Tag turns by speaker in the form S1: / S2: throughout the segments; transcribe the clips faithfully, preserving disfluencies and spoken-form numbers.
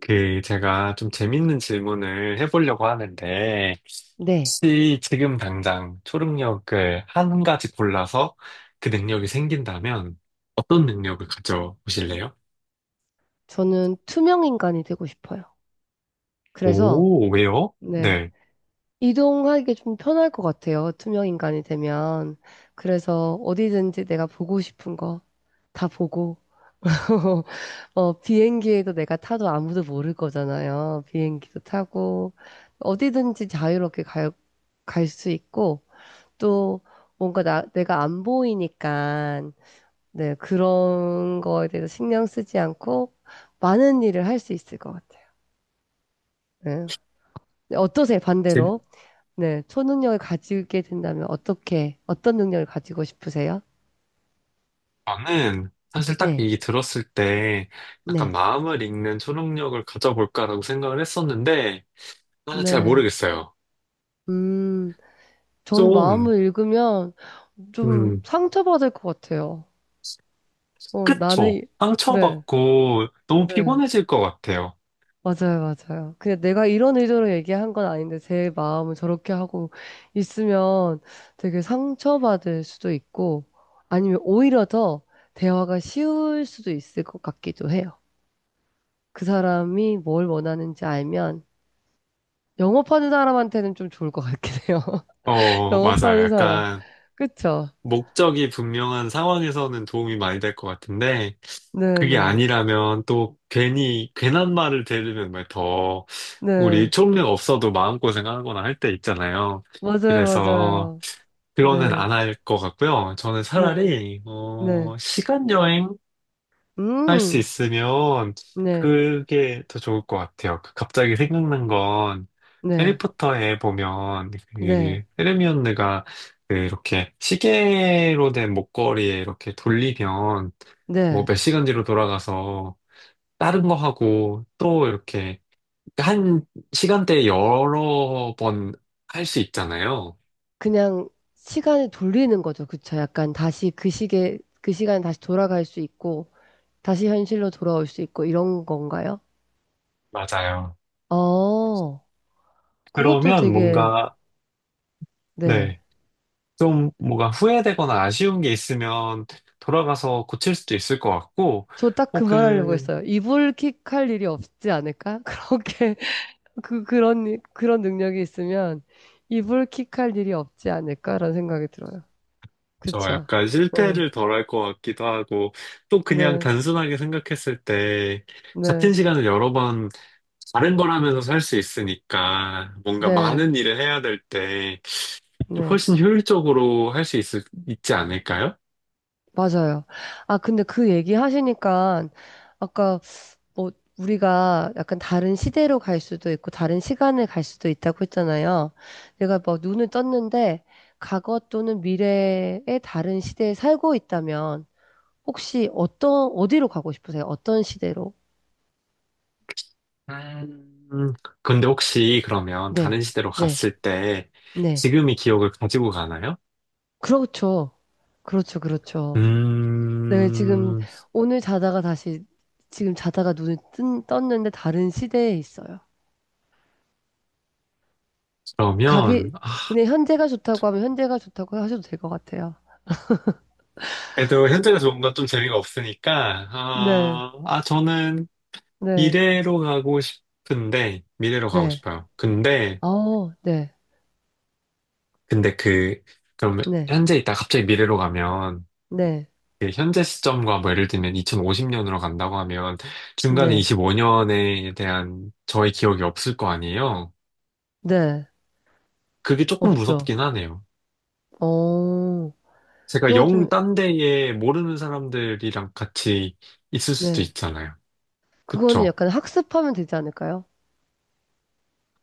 S1: 그, 제가 좀 재밌는 질문을 해보려고 하는데,
S2: 네.
S1: 혹시 지금 당장 초능력을 한 가지 골라서 그 능력이 생긴다면 어떤 능력을 가져보실래요?
S2: 저는 투명 인간이 되고 싶어요. 그래서,
S1: 오, 왜요?
S2: 네.
S1: 네.
S2: 이동하기 좀 편할 것 같아요. 투명 인간이 되면. 그래서 어디든지 내가 보고 싶은 거 다 보고, 어, 비행기에도 내가 타도 아무도 모를 거잖아요. 비행기도 타고, 어디든지 자유롭게 갈, 갈 수 있고, 또 뭔가 나, 내가 안 보이니까, 네, 그런 거에 대해서 신경 쓰지 않고 많은 일을 할 수 있을 것 같아요. 네. 네, 어떠세요,
S1: 제-
S2: 반대로? 네, 초능력을 가지게 된다면 어떻게, 어떤 능력을 가지고 싶으세요?
S1: 저는 사실 딱
S2: 네,
S1: 이 들었을 때 약간
S2: 네,
S1: 마음을 읽는 초능력을 가져볼까라고 생각을 했었는데, 아, 잘
S2: 네.
S1: 모르겠어요.
S2: 음, 저는
S1: 좀,
S2: 마음을 읽으면 좀
S1: 음,
S2: 상처받을 것 같아요. 어, 나는, 이-
S1: 그쵸.
S2: 네,
S1: 상처받고 너무
S2: 네.
S1: 피곤해질 것 같아요.
S2: 맞아요, 맞아요. 그냥 내가 이런 의도로 얘기한 건 아닌데 제 마음을 저렇게 하고 있으면 되게 상처받을 수도 있고 아니면 오히려 더 대화가 쉬울 수도 있을 것 같기도 해요. 그 사람이 뭘 원하는지 알면 영업하는 사람한테는 좀 좋을 것 같긴 해요.
S1: 어, 맞아.
S2: 영업하는 사람.
S1: 약간
S2: 그쵸?
S1: 목적이 분명한 상황에서는 도움이 많이 될 것 같은데 그게
S2: 네네.
S1: 아니라면 또 괜히 괜한 말을 들으면 막더
S2: 네.
S1: 우리
S2: 네.
S1: 초능력 없어도 마음고생하거나 할 때 있잖아요.
S2: 맞아요,
S1: 그래서
S2: 맞아요.
S1: 그거는
S2: 네.
S1: 안 할 것 같고요. 저는
S2: 네.
S1: 차라리
S2: 네.
S1: 어, 시간 여행 할 수
S2: 음.
S1: 있으면
S2: 네.
S1: 그게 더 좋을 것 같아요. 그 갑자기 생각난 건
S2: 네.
S1: 해리포터에 보면
S2: 네.
S1: 그 헤르미온느가 그 이렇게 시계로 된 목걸이에 이렇게 돌리면 뭐
S2: 네.
S1: 몇 시간 뒤로 돌아가서 다른 거 하고 또 이렇게 그러니까 한 시간대에 여러 번 할 수 있잖아요.
S2: 그냥 시간을 돌리는 거죠. 그쵸? 약간 다시 그 시계, 그 시간에 다시 돌아갈 수 있고, 다시 현실로 돌아올 수 있고, 이런 건가요?
S1: 맞아요.
S2: 어, 그것도
S1: 그러면
S2: 되게,
S1: 뭔가
S2: 네.
S1: 네. 좀 뭐가 후회되거나 아쉬운 게 있으면 돌아가서 고칠 수도 있을 것 같고,
S2: 저 딱 그 말하려고
S1: 혹은
S2: 했어요. 이불킥할 일이 없지 않을까? 그렇게 그 그런 일- 그런 능력이 있으면 이불킥할 일이 없지 않을까라는 생각이 들어요.
S1: 저
S2: 그쵸?
S1: 약간
S2: 응,
S1: 실패를 덜 할 것 같기도 하고, 또 그냥
S2: 네,
S1: 단순하게 생각했을 때
S2: 네,
S1: 같은 시간을 여러 번 다른 걸 하면서 살 수 있으니까 뭔가
S2: 네,
S1: 많은 일을 해야 될 때
S2: 네,
S1: 훨씬 효율적으로 할 수 있지 않을까요?
S2: 맞아요. 아 근데 그 얘기 하시니까 아까 뭐 우리가 약간 다른 시대로 갈 수도 있고 다른 시간을 갈 수도 있다고 했잖아요. 내가 막 눈을 떴는데 과거 또는 미래의 다른 시대에 살고 있다면. 혹시 어떤, 어디로 가고 싶으세요? 어떤 시대로?
S1: 음, 근데 혹시 그러면
S2: 네,
S1: 다른 시대로
S2: 네,
S1: 갔을 때
S2: 네.
S1: 지금의 기억을 가지고 가나요?
S2: 그렇죠. 그렇죠, 그렇죠. 네, 지금
S1: 음,
S2: 오늘 자다가 다시, 지금 자다가 눈을 뜬, 떴는데 다른 시대에 있어요. 가기,
S1: 그러면, 아,
S2: 그냥 현재가 좋다고 하면 현재가 좋다고 하셔도 될 것 같아요.
S1: 그래도 현재가좋 뭔가 좀 재미가 없으니까,
S2: 네,
S1: 아, 아, 저는
S2: 네,
S1: 미래로 가고 싶은데, 미래로 가고
S2: 네.
S1: 싶어요. 근데,
S2: 어, 네,
S1: 근데 그, 그럼
S2: 네,
S1: 현재 있다 갑자기 미래로 가면,
S2: 네,
S1: 그 현재 시점과 뭐 예를 들면 이천오십 년으로 간다고 하면, 중간에
S2: 네,
S1: 이십오 년에 대한 저의 기억이 없을 거 아니에요?
S2: 네.
S1: 그게 조금
S2: 없죠.
S1: 무섭긴 하네요.
S2: 어,
S1: 제가
S2: 그건
S1: 영
S2: 좀,
S1: 딴 데에 모르는 사람들이랑 같이 있을 수도
S2: 네.
S1: 있잖아요.
S2: 그거는
S1: 그쵸?
S2: 약간 학습하면 되지 않을까요?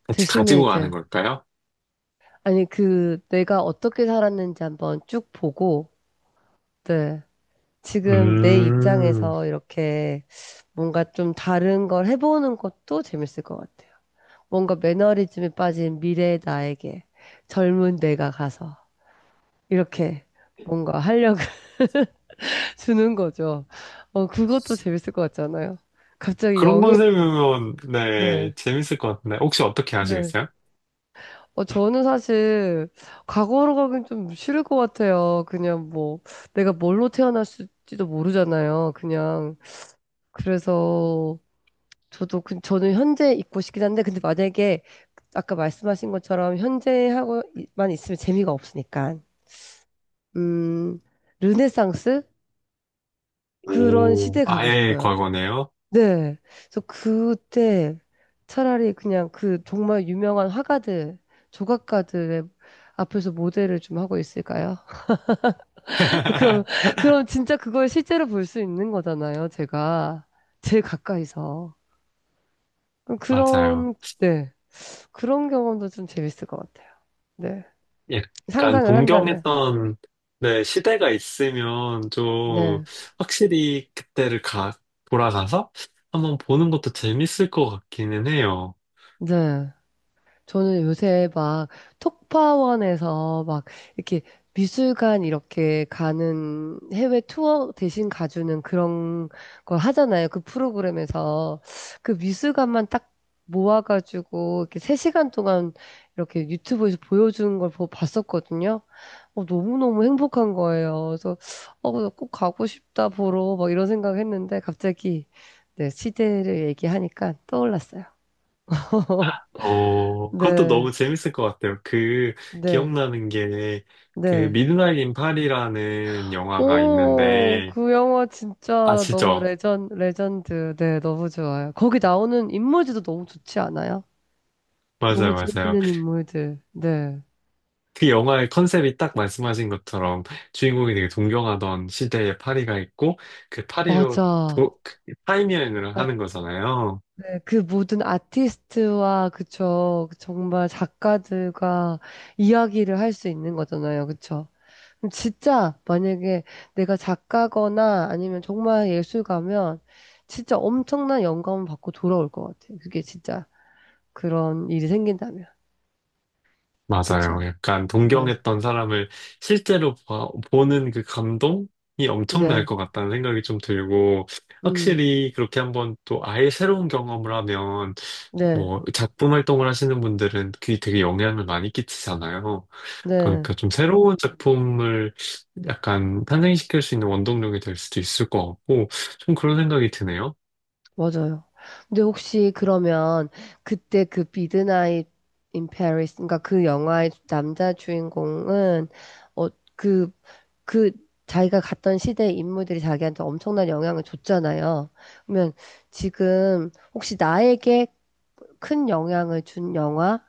S1: 같이
S2: 대신에
S1: 가지고 가는
S2: 이제,
S1: 걸까요?
S2: 아니, 그, 내가 어떻게 살았는지 한번 쭉 보고, 네. 지금 내
S1: 음,
S2: 입장에서 이렇게 뭔가 좀 다른 걸 해보는 것도 재밌을 것 같아요. 뭔가 매너리즘에 빠진 미래의 나에게 젊은 내가 가서 이렇게 뭔가 활력을 주는 거죠. 어, 그것도 재밌을 것 같잖아요. 갑자기
S1: 그런
S2: 영해지는 거.
S1: 컨셉이면, 네,
S2: 네.
S1: 재밌을 것 같은데. 혹시 어떻게
S2: 네.
S1: 하시겠어요?
S2: 어, 저는 사실 과거로 가긴 좀 싫을 것 같아요. 그냥 뭐 내가 뭘로 태어났을지도 모르잖아요. 그냥 그래서 저도 그, 저는 현재 있고 싶긴 한데 근데 만약에 아까 말씀하신 것처럼 현재하고만 있으면 재미가 없으니까 음 르네상스 그런
S1: 오,
S2: 시대 가고
S1: 아예
S2: 싶어요.
S1: 과거네요.
S2: 네. 그래서 그때 차라리 그냥 그 정말 유명한 화가들, 조각가들의 앞에서 모델을 좀 하고 있을까요? 그럼, 그럼 진짜 그걸 실제로 볼 수 있는 거잖아요, 제가. 제일 가까이서.
S1: 맞아요.
S2: 그런, 네. 그런 경험도 좀 재밌을 것 같아요. 네.
S1: 약간
S2: 상상을 한다면.
S1: 동경했던, 네, 시대가 있으면 좀
S2: 네.
S1: 확실히 그때를 가, 돌아가서 한번 보는 것도 재밌을 것 같기는 해요.
S2: 네. 저는 요새 막 톡파원에서 막 이렇게 미술관 이렇게 가는 해외 투어 대신 가주는 그런 걸 하잖아요. 그 프로그램에서 그 미술관만 딱 모아가지고 이렇게 세 시간 동안 이렇게 유튜브에서 보여주는 걸 보- 봤었거든요. 어, 너무너무 행복한 거예요. 그래서 어, 나꼭 가고 싶다 보러 막 이런 생각했는데 갑자기 네, 시대를 얘기하니까 떠올랐어요.
S1: 어, 그것도
S2: 네.
S1: 너무 재밌을 것 같아요. 그,
S2: 네.
S1: 기억나는 게, 그,
S2: 네.
S1: 미드나잇 인 파리라는 영화가
S2: 오,
S1: 있는데,
S2: 그 영화 진짜 너무
S1: 아시죠?
S2: 레전, 레전드. 네, 너무 좋아요. 거기 나오는 인물들도 너무 좋지 않아요? 너무
S1: 맞아요, 맞아요.
S2: 재밌는 인물들. 네.
S1: 그 영화의 컨셉이 딱 말씀하신 것처럼 주인공이 되게 존경하던 시대의 파리가 있고, 그 파리로
S2: 맞아.
S1: 도, 타임여행을
S2: 네,
S1: 하는 거잖아요.
S2: 네. 그 모든 아티스트와, 그쵸. 정말 작가들과 이야기를 할 수 있는 거잖아요. 그쵸. 그럼 진짜 만약에 내가 작가거나 아니면 정말 예술가면 진짜 엄청난 영감을 받고 돌아올 것 같아요. 그게 진짜 그런 일이 생긴다면.
S1: 맞아요.
S2: 그쵸.
S1: 약간
S2: 네.
S1: 동경했던 사람을 실제로 봐- 보는 그 감동이 엄청날
S2: 네.
S1: 것 같다는 생각이 좀 들고,
S2: 음.
S1: 확실히 그렇게 한번 또 아예 새로운 경험을 하면,
S2: 네.
S1: 뭐, 작품 활동을 하시는 분들은 그게 되게 영향을 많이 끼치잖아요.
S2: 네.
S1: 그러니까 좀 새로운 작품을 약간 탄생시킬 수 있는 원동력이 될 수도 있을 것 같고, 좀 그런 생각이 드네요.
S2: 맞아요. 근데 혹시 그러면 그때 그 미드나잇 인 페리스 그러니까 그 영화의 남자 주인공은 어 그 그 자기가 갔던 시대의 인물들이 자기한테 엄청난 영향을 줬잖아요. 그러면 지금 혹시 나에게 큰 영향을 준 영화,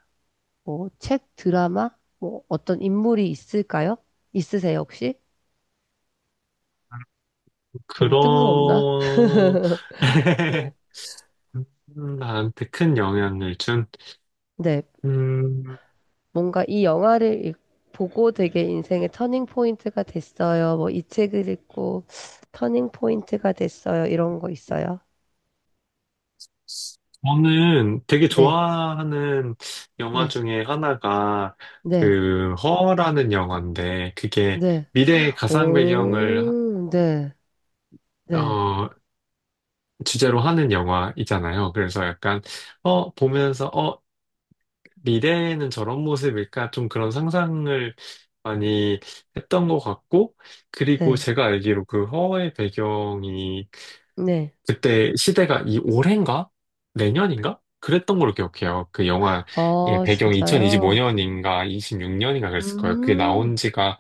S2: 뭐 책, 드라마, 뭐 어떤 인물이 있을까요? 있으세요, 혹시? 너무 뜬금없나?
S1: 그런,
S2: 네.
S1: 나한테 큰 영향을 준,
S2: 네,
S1: 음,
S2: 뭔가 이 영화를 읽- 보고 되게 인생의 터닝 포인트가 됐어요. 뭐 이 책을 읽고 터닝 포인트가 됐어요. 이런 거 있어요?
S1: 저는 되게
S2: 네,
S1: 좋아하는 영화
S2: 네,
S1: 중에 하나가
S2: 네,
S1: 그 허라는 영화인데 그게
S2: 네.
S1: 미래의 가상 배경을
S2: 오, 네, 네,
S1: 어 주제로 하는 영화이잖아요. 그래서 약간 어 보면서 어 미래에는 저런 모습일까 좀 그런 상상을 많이 했던 것 같고 그리고
S2: 네,
S1: 제가 알기로 그 허의 배경이
S2: 네.
S1: 그때 시대가 이 올해인가? 내년인가? 그랬던 걸로 기억해요. 그 영화, 예,
S2: 아,
S1: 배경이
S2: 진짜요?
S1: 이천이십오 년인가 이십육 년인가 그랬을 거예요. 그게
S2: 음,
S1: 나온 지가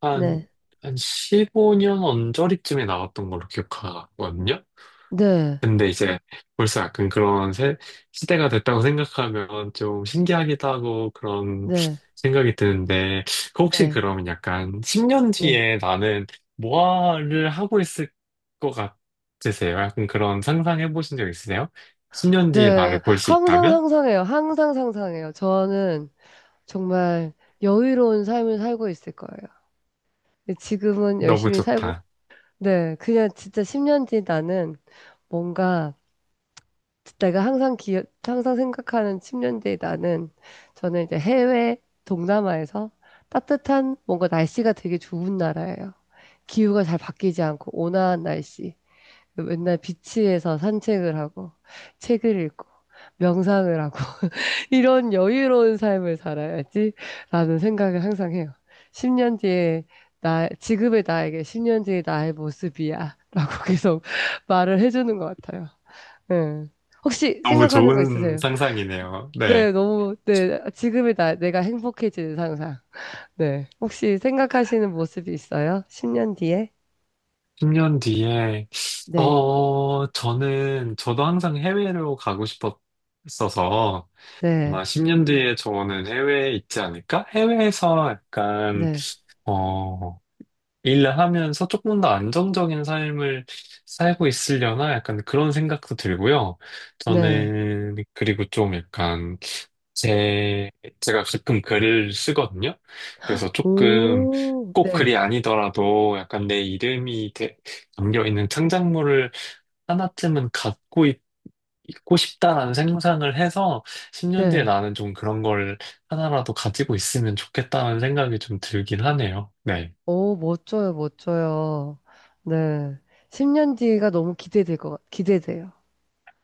S1: 한,
S2: 네,
S1: 한 십오 년 언저리쯤에 나왔던 걸로 기억하거든요.
S2: 네,
S1: 근데 이제 벌써 약간 그런 세- 시대가 됐다고 생각하면 좀 신기하기도 하고 그런
S2: 네,
S1: 생각이 드는데 그 혹시
S2: 네,
S1: 그러면 약간 십 년
S2: 네,
S1: 뒤에 나는 뭐를 하고 있을 것 같으세요? 약간 그런 상상해 보신 적 있으세요? 십 년 뒤에
S2: 네.
S1: 나를 볼 수
S2: 항상
S1: 있다면?
S2: 상상해요. 항상 상상해요. 저는 정말 여유로운 삶을 살고 있을 거예요. 지금은
S1: 너무
S2: 열심히 살고
S1: 좋다.
S2: 네, 그냥 진짜 십 년 뒤 나는 뭔가 내가 항상 기억, 항상 생각하는 십 년 뒤 나는 저는 이제 해외 동남아에서 따뜻한 뭔가 날씨가 되게 좋은 나라예요. 기후가 잘 바뀌지 않고 온화한 날씨. 맨날 비치에서 산책을 하고 책을 읽고 명상을 하고 이런 여유로운 삶을 살아야지라는 생각을 항상 해요. 십 년 뒤에 나, 지금의 나에게 십 년 뒤의 나의 모습이야. 라고 계속 말을 해주는 것 같아요. 네. 혹시
S1: 너무
S2: 생각하는 거
S1: 좋은
S2: 있으세요?
S1: 상상이네요. 네.
S2: 네, 너무, 네, 지금의 나, 내가 행복해지는 상상. 네. 혹시 생각하시는 모습이 있어요? 십 년 뒤에?
S1: 십 년 뒤에
S2: 네,
S1: 어 저는 저도 항상 해외로 가고 싶었어서
S2: 네,
S1: 아마 십 년 뒤에 저는 해외에 있지 않을까? 해외에서 약간,
S2: 네,
S1: 어, 일을 하면서 조금 더 안정적인 삶을 살고 있으려나? 약간 그런 생각도 들고요.
S2: 네.
S1: 저는, 그리고 좀 약간, 제, 제가 가끔 글을 쓰거든요. 그래서 조금
S2: 오,
S1: 꼭
S2: 네,
S1: 글이 아니더라도 약간 내 이름이 대- 담겨 있는 창작물을 하나쯤은 갖고 있고 싶다라는 생각을 해서 십 년 뒤에
S2: 네.
S1: 나는 좀 그런 걸 하나라도 가지고 있으면 좋겠다는 생각이 좀 들긴 하네요. 네.
S2: 오, 멋져요, 멋져요. 네. 십 년 뒤가 너무 기대될 것, 같- 기대돼요.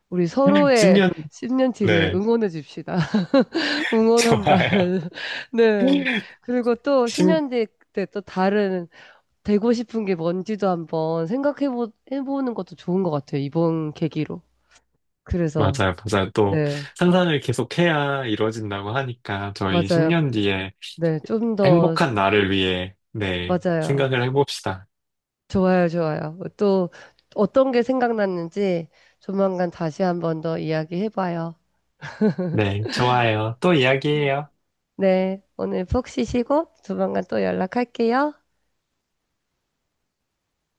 S2: 우리 서로의
S1: 십 년,
S2: 십 년 뒤를
S1: 네.
S2: 응원해 줍시다.
S1: 좋아요.
S2: 응원한다면. 네. 그리고 또
S1: 십,
S2: 십 년 뒤에 때또 다른, 되고 싶은 게 뭔지도 한번 생각해 보, 해보는 것도 좋은 것 같아요. 이번 계기로. 그래서,
S1: 맞아요, 맞아요. 또
S2: 네.
S1: 상상을 계속해야 이루어진다고 하니까 저희
S2: 맞아요.
S1: 십 년 뒤에
S2: 네. 좀 더,
S1: 행복한 나를 위해, 네,
S2: 맞아요.
S1: 생각을 해봅시다.
S2: 좋아요, 좋아요. 또 어떤 게 생각났는지 조만간 다시 한번 더 이야기해봐요.
S1: 네, 좋아요. 또 이야기해요.
S2: 네, 오늘 푹 쉬시고 조만간 또 연락할게요.